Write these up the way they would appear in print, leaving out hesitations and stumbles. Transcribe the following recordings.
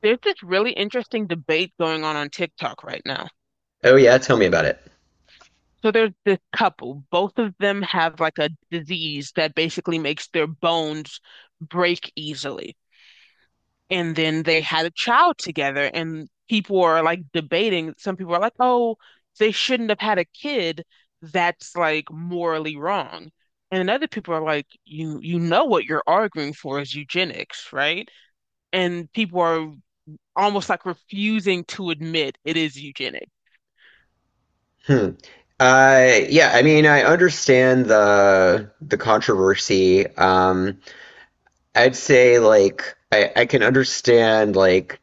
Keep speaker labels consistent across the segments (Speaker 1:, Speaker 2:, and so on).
Speaker 1: There's this really interesting debate going on TikTok right now.
Speaker 2: Oh yeah, tell me about it.
Speaker 1: So there's this couple, both of them have like a disease that basically makes their bones break easily. And then they had a child together, and people are like debating. Some people are like, oh, they shouldn't have had a kid. That's like morally wrong. And other people are like, you know what you're arguing for is eugenics, right? And people are almost like refusing to admit it is eugenics.
Speaker 2: Hmm. Yeah, I mean, I understand the controversy. I'd say like I can understand like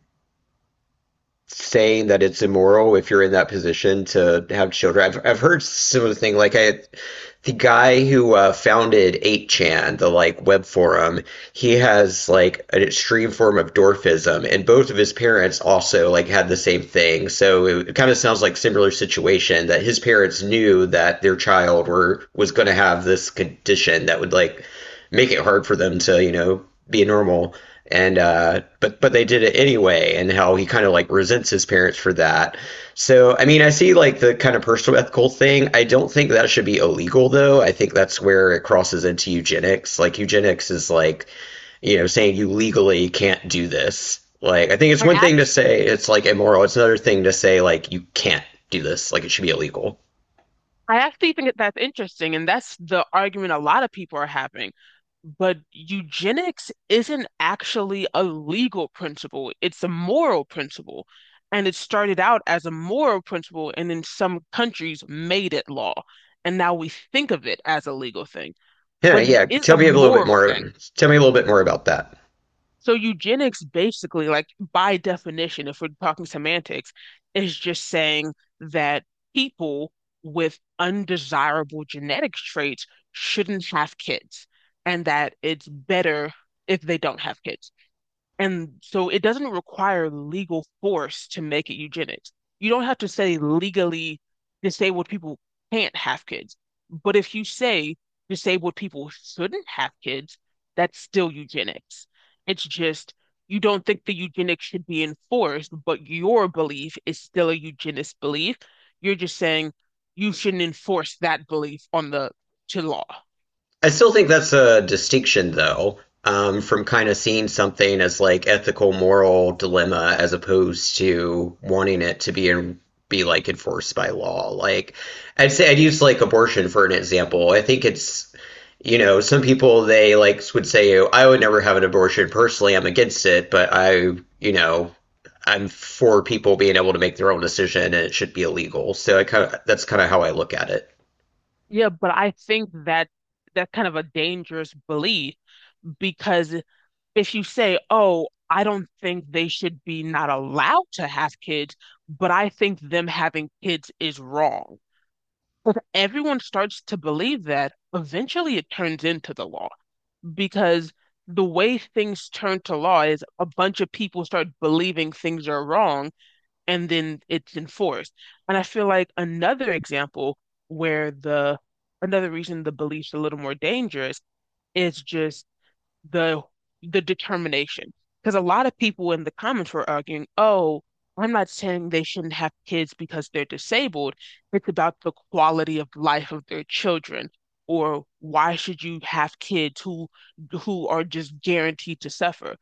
Speaker 2: saying that it's immoral if you're in that position to have children. I've heard similar thing like I the guy who founded 8chan, the like web forum. He has like an extreme form of dwarfism, and both of his parents also like had the same thing. So it kind of sounds like similar situation that his parents knew that their child were was going to have this condition that would like make it hard for them to be normal, and but they did it anyway, and how he kind of like resents his parents for that. So I mean I see like the kind of personal ethical thing. I don't think that should be illegal, though. I think that's where it crosses into eugenics. Like eugenics is like, saying you legally can't do this. Like I think it's
Speaker 1: I
Speaker 2: one thing to
Speaker 1: act
Speaker 2: say it's like immoral, it's another thing to say like you can't do this, like it should be illegal.
Speaker 1: I actually think that that's interesting, and that's the argument a lot of people are having. But eugenics isn't actually a legal principle, it's a moral principle. And it started out as a moral principle, and in some countries made it law. And now we think of it as a legal thing,
Speaker 2: yeah
Speaker 1: but it
Speaker 2: yeah
Speaker 1: is a
Speaker 2: tell me a little bit
Speaker 1: moral thing.
Speaker 2: more about that.
Speaker 1: So eugenics basically, like by definition, if we're talking semantics, is just saying that people with undesirable genetic traits shouldn't have kids, and that it's better if they don't have kids. And so it doesn't require legal force to make it eugenics. You don't have to say legally disabled people can't have kids. But if you say disabled people shouldn't have kids, that's still eugenics. It's just you don't think the eugenics should be enforced, but your belief is still a eugenist belief. You're just saying you shouldn't enforce that belief on the to law.
Speaker 2: I still think that's a distinction, though. From kind of seeing something as like ethical, moral dilemma as opposed to wanting it to be like enforced by law. Like, I'd say I'd use like abortion for an example. I think it's, you know, some people they like would say, "Oh, I would never have an abortion personally. I'm against it, but I, you know, I'm for people being able to make their own decision, and it should be illegal." So I kind of that's kind of how I look at it.
Speaker 1: Yeah, but I think that that's kind of a dangerous belief because if you say, oh, I don't think they should be not allowed to have kids, but I think them having kids is wrong. Everyone starts to believe that. Eventually, it turns into the law because the way things turn to law is a bunch of people start believing things are wrong and then it's enforced. And I feel like another example where the another reason the belief's a little more dangerous is just the the determination. Because a lot of people in the comments were arguing, oh, I'm not saying they shouldn't have kids because they're disabled. It's about the quality of life of their children. Or why should you have kids who are just guaranteed to suffer?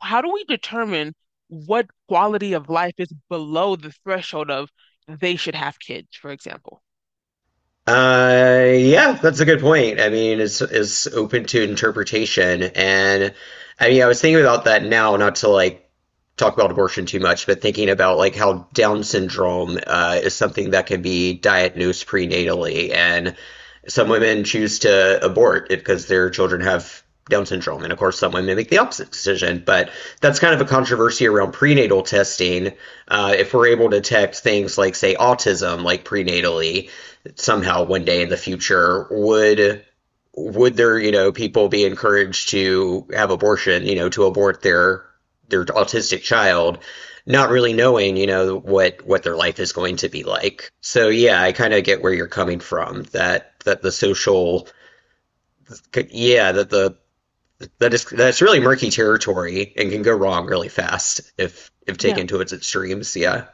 Speaker 1: How do we determine what quality of life is below the threshold of they should have kids, for example?
Speaker 2: Yeah, that's a good point. I mean, it's open to interpretation. And I mean, I was thinking about that now, not to like talk about abortion too much, but thinking about like how Down syndrome is something that can be diagnosed prenatally, and some women choose to abort it because their children have Down syndrome, and of course, some women make the opposite decision. But that's kind of a controversy around prenatal testing. If we're able to detect things like, say, autism, like prenatally somehow one day in the future, would there, you know, people be encouraged to have abortion, you know, to abort their autistic child, not really knowing, you know, what their life is going to be like. So yeah, I kind of get where you're coming from, that the social, yeah, that the, that is, that's really murky territory and can go wrong really fast if
Speaker 1: Yeah.
Speaker 2: taken to its extremes, yeah.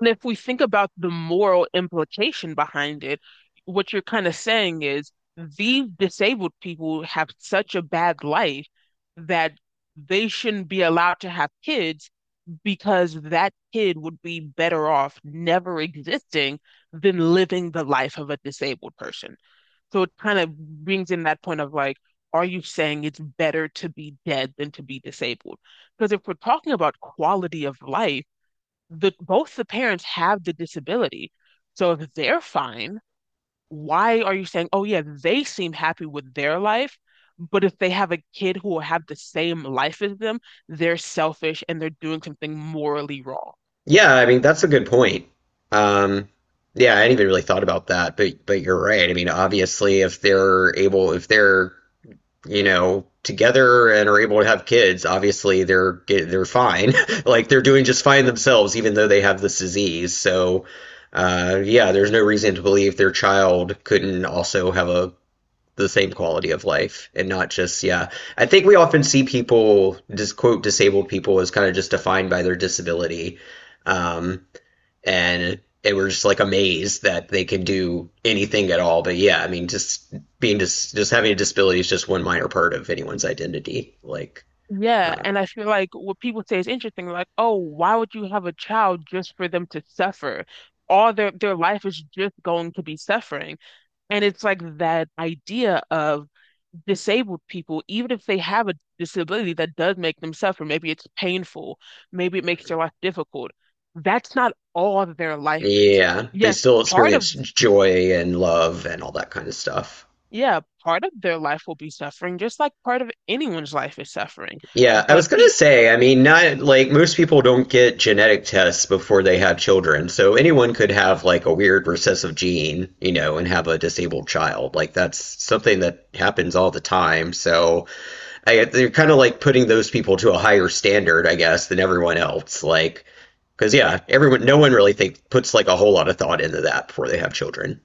Speaker 1: And if we think about the moral implication behind it, what you're kind of saying is these disabled people have such a bad life that they shouldn't be allowed to have kids because that kid would be better off never existing than living the life of a disabled person. So it kind of brings in that point of like, are you saying it's better to be dead than to be disabled? Because if we're talking about quality of life, the both the parents have the disability. So if they're fine, why are you saying, oh yeah, they seem happy with their life, but if they have a kid who will have the same life as them, they're selfish and they're doing something morally wrong.
Speaker 2: Yeah, I mean that's a good point. Um, yeah, I hadn't even really thought about that, but you're right. I mean, obviously, if they're able, if they're, you know, together and are able to have kids, obviously they're they're fine. Like they're doing just fine themselves, even though they have this disease. So, yeah, there's no reason to believe their child couldn't also have a the same quality of life and not just yeah. I think we often see people just quote disabled people as kind of just defined by their disability. Um, and they were just like amazed that they could do anything at all. But yeah, I mean, just being just having a disability is just one minor part of anyone's identity. Like,
Speaker 1: Yeah,
Speaker 2: uh,
Speaker 1: and I feel like what people say is interesting, like, oh, why would you have a child just for them to suffer? All their life is just going to be suffering. And it's like that idea of disabled people, even if they have a disability that does make them suffer, maybe it's painful, maybe it
Speaker 2: yeah.
Speaker 1: makes their life difficult. That's not all that their life is.
Speaker 2: Yeah, they
Speaker 1: Yes,
Speaker 2: still
Speaker 1: part of,
Speaker 2: experience joy and love and all that kind of stuff.
Speaker 1: yeah, part of their life will be suffering, just like part of anyone's life is suffering.
Speaker 2: Yeah, I
Speaker 1: But
Speaker 2: was gonna
Speaker 1: pe
Speaker 2: say, I mean, not like most people don't get genetic tests before they have children, so anyone could have like a weird recessive gene, you know, and have a disabled child. Like that's something that happens all the time. So I, they're kind of like putting those people to a higher standard, I guess, than everyone else. Like, because yeah, everyone, no one really think puts like a whole lot of thought into that before they have children.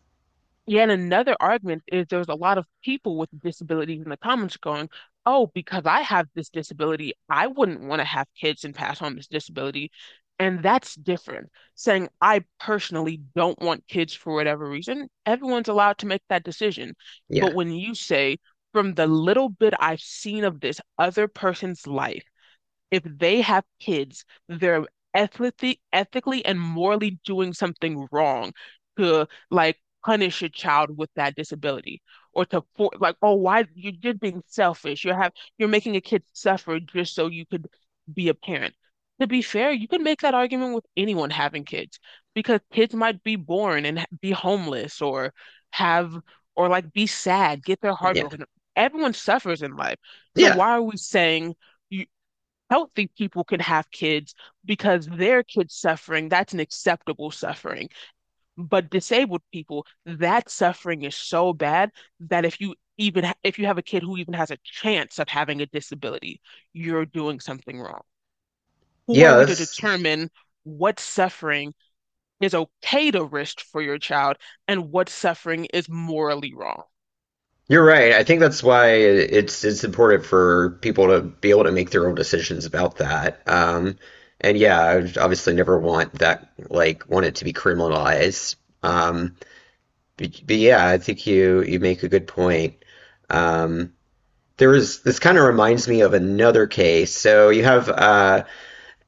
Speaker 1: Yeah, and another argument is there's a lot of people with disabilities in the comments going, oh, because I have this disability, I wouldn't want to have kids and pass on this disability. And that's different. Saying I personally don't want kids for whatever reason, everyone's allowed to make that decision. But
Speaker 2: Yeah,
Speaker 1: when you say, from the little bit I've seen of this other person's life, if they have kids, they're ethically, ethically and morally doing something wrong to like punish a child with that disability or to for like, oh, why you're just being selfish. You have you're making a kid suffer just so you could be a parent. To be fair, you can make that argument with anyone having kids because kids might be born and be homeless or have or like be sad, get their heart
Speaker 2: yeah,
Speaker 1: broken. Everyone suffers in life. So
Speaker 2: yeah,
Speaker 1: why are we saying you healthy people can have kids because their kids suffering, that's an acceptable suffering. But disabled people, that suffering is so bad that if you even if you have a kid who even has a chance of having a disability, you're doing something wrong. Who are
Speaker 2: yeah.
Speaker 1: we to
Speaker 2: That's
Speaker 1: determine what suffering is okay to risk for your child and what suffering is morally wrong?
Speaker 2: You're right. I think that's why it's important for people to be able to make their own decisions about that. And yeah, I would obviously never want that, like want it to be criminalized. Um, but, yeah, I think you make a good point. Um, there was this, kind of reminds me of another case. So you have,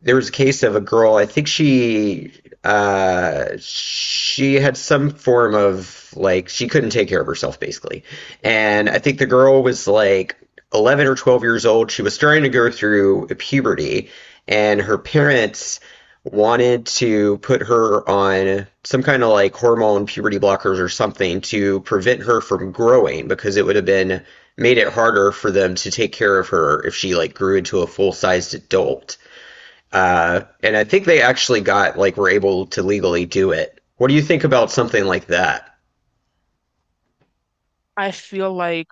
Speaker 2: there was a case of a girl. I think she, she had some form of like she couldn't take care of herself basically, and I think the girl was like 11 or 12 years old. She was starting to go through puberty, and her parents wanted to put her on some kind of like hormone puberty blockers or something to prevent her from growing because it would have been made it harder for them to take care of her if she like grew into a full-sized adult. And I think they actually got like were able to legally do it. What do you think about something like that?
Speaker 1: I feel like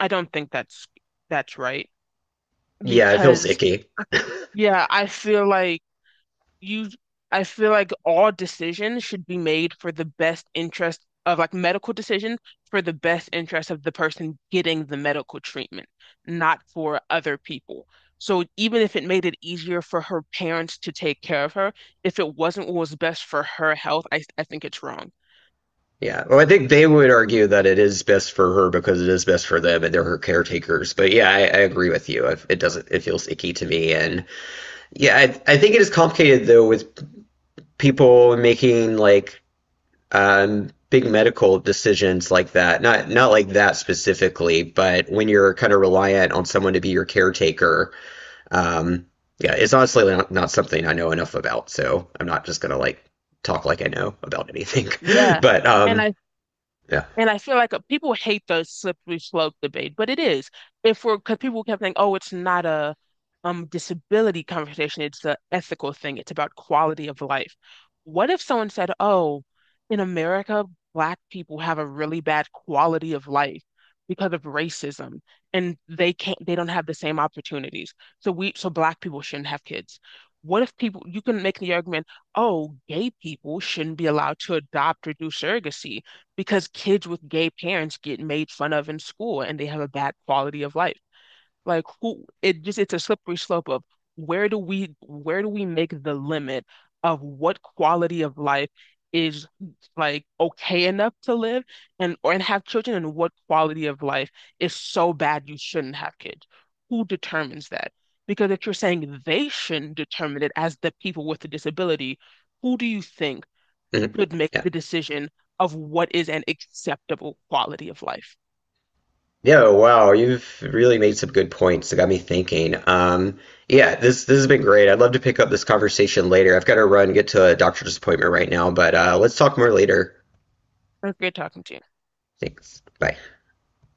Speaker 1: I don't think that's right
Speaker 2: Yeah, it feels
Speaker 1: because
Speaker 2: icky.
Speaker 1: yeah, I feel like you I feel like all decisions should be made for the best interest of like medical decisions for the best interest of the person getting the medical treatment, not for other people. So even if it made it easier for her parents to take care of her, if it wasn't what was best for her health, I think it's wrong.
Speaker 2: Yeah. Well, I think they would argue that it is best for her because it is best for them and they're her caretakers. But yeah, I agree with you. It doesn't. It feels icky to me. And yeah, I think it is complicated though with people making like big medical decisions like that. Not like that specifically, but when you're kind of reliant on someone to be your caretaker. Um, yeah, it's honestly not something I know enough about, so I'm not just gonna like talk like I know about anything.
Speaker 1: Yeah.
Speaker 2: but
Speaker 1: And I
Speaker 2: Yeah.
Speaker 1: And I feel like people hate the slippery slope debate, but it is. If we're, because people kept saying, oh, it's not a disability conversation, it's the ethical thing, it's about quality of life. What if someone said, oh, in America, Black people have a really bad quality of life because of racism, and they can't, they don't have the same opportunities. So we, so Black people shouldn't have kids. What if people, you can make the argument, oh, gay people shouldn't be allowed to adopt or do surrogacy because kids with gay parents get made fun of in school and they have a bad quality of life. Like who it just it's a slippery slope of where do we make the limit of what quality of life is like okay enough to live and or and have children and what quality of life is so bad you shouldn't have kids. Who determines that? Because if you're saying they shouldn't determine it as the people with the disability, who do you think
Speaker 2: Mhm.
Speaker 1: should make
Speaker 2: Yeah,
Speaker 1: the decision of what is an acceptable quality of life.
Speaker 2: yeah. Wow, you've really made some good points that got me thinking. Yeah, this has been great. I'd love to pick up this conversation later. I've got to run, get to a doctor's appointment right now, but let's talk more later.
Speaker 1: It was great talking to you.
Speaker 2: Thanks. Bye.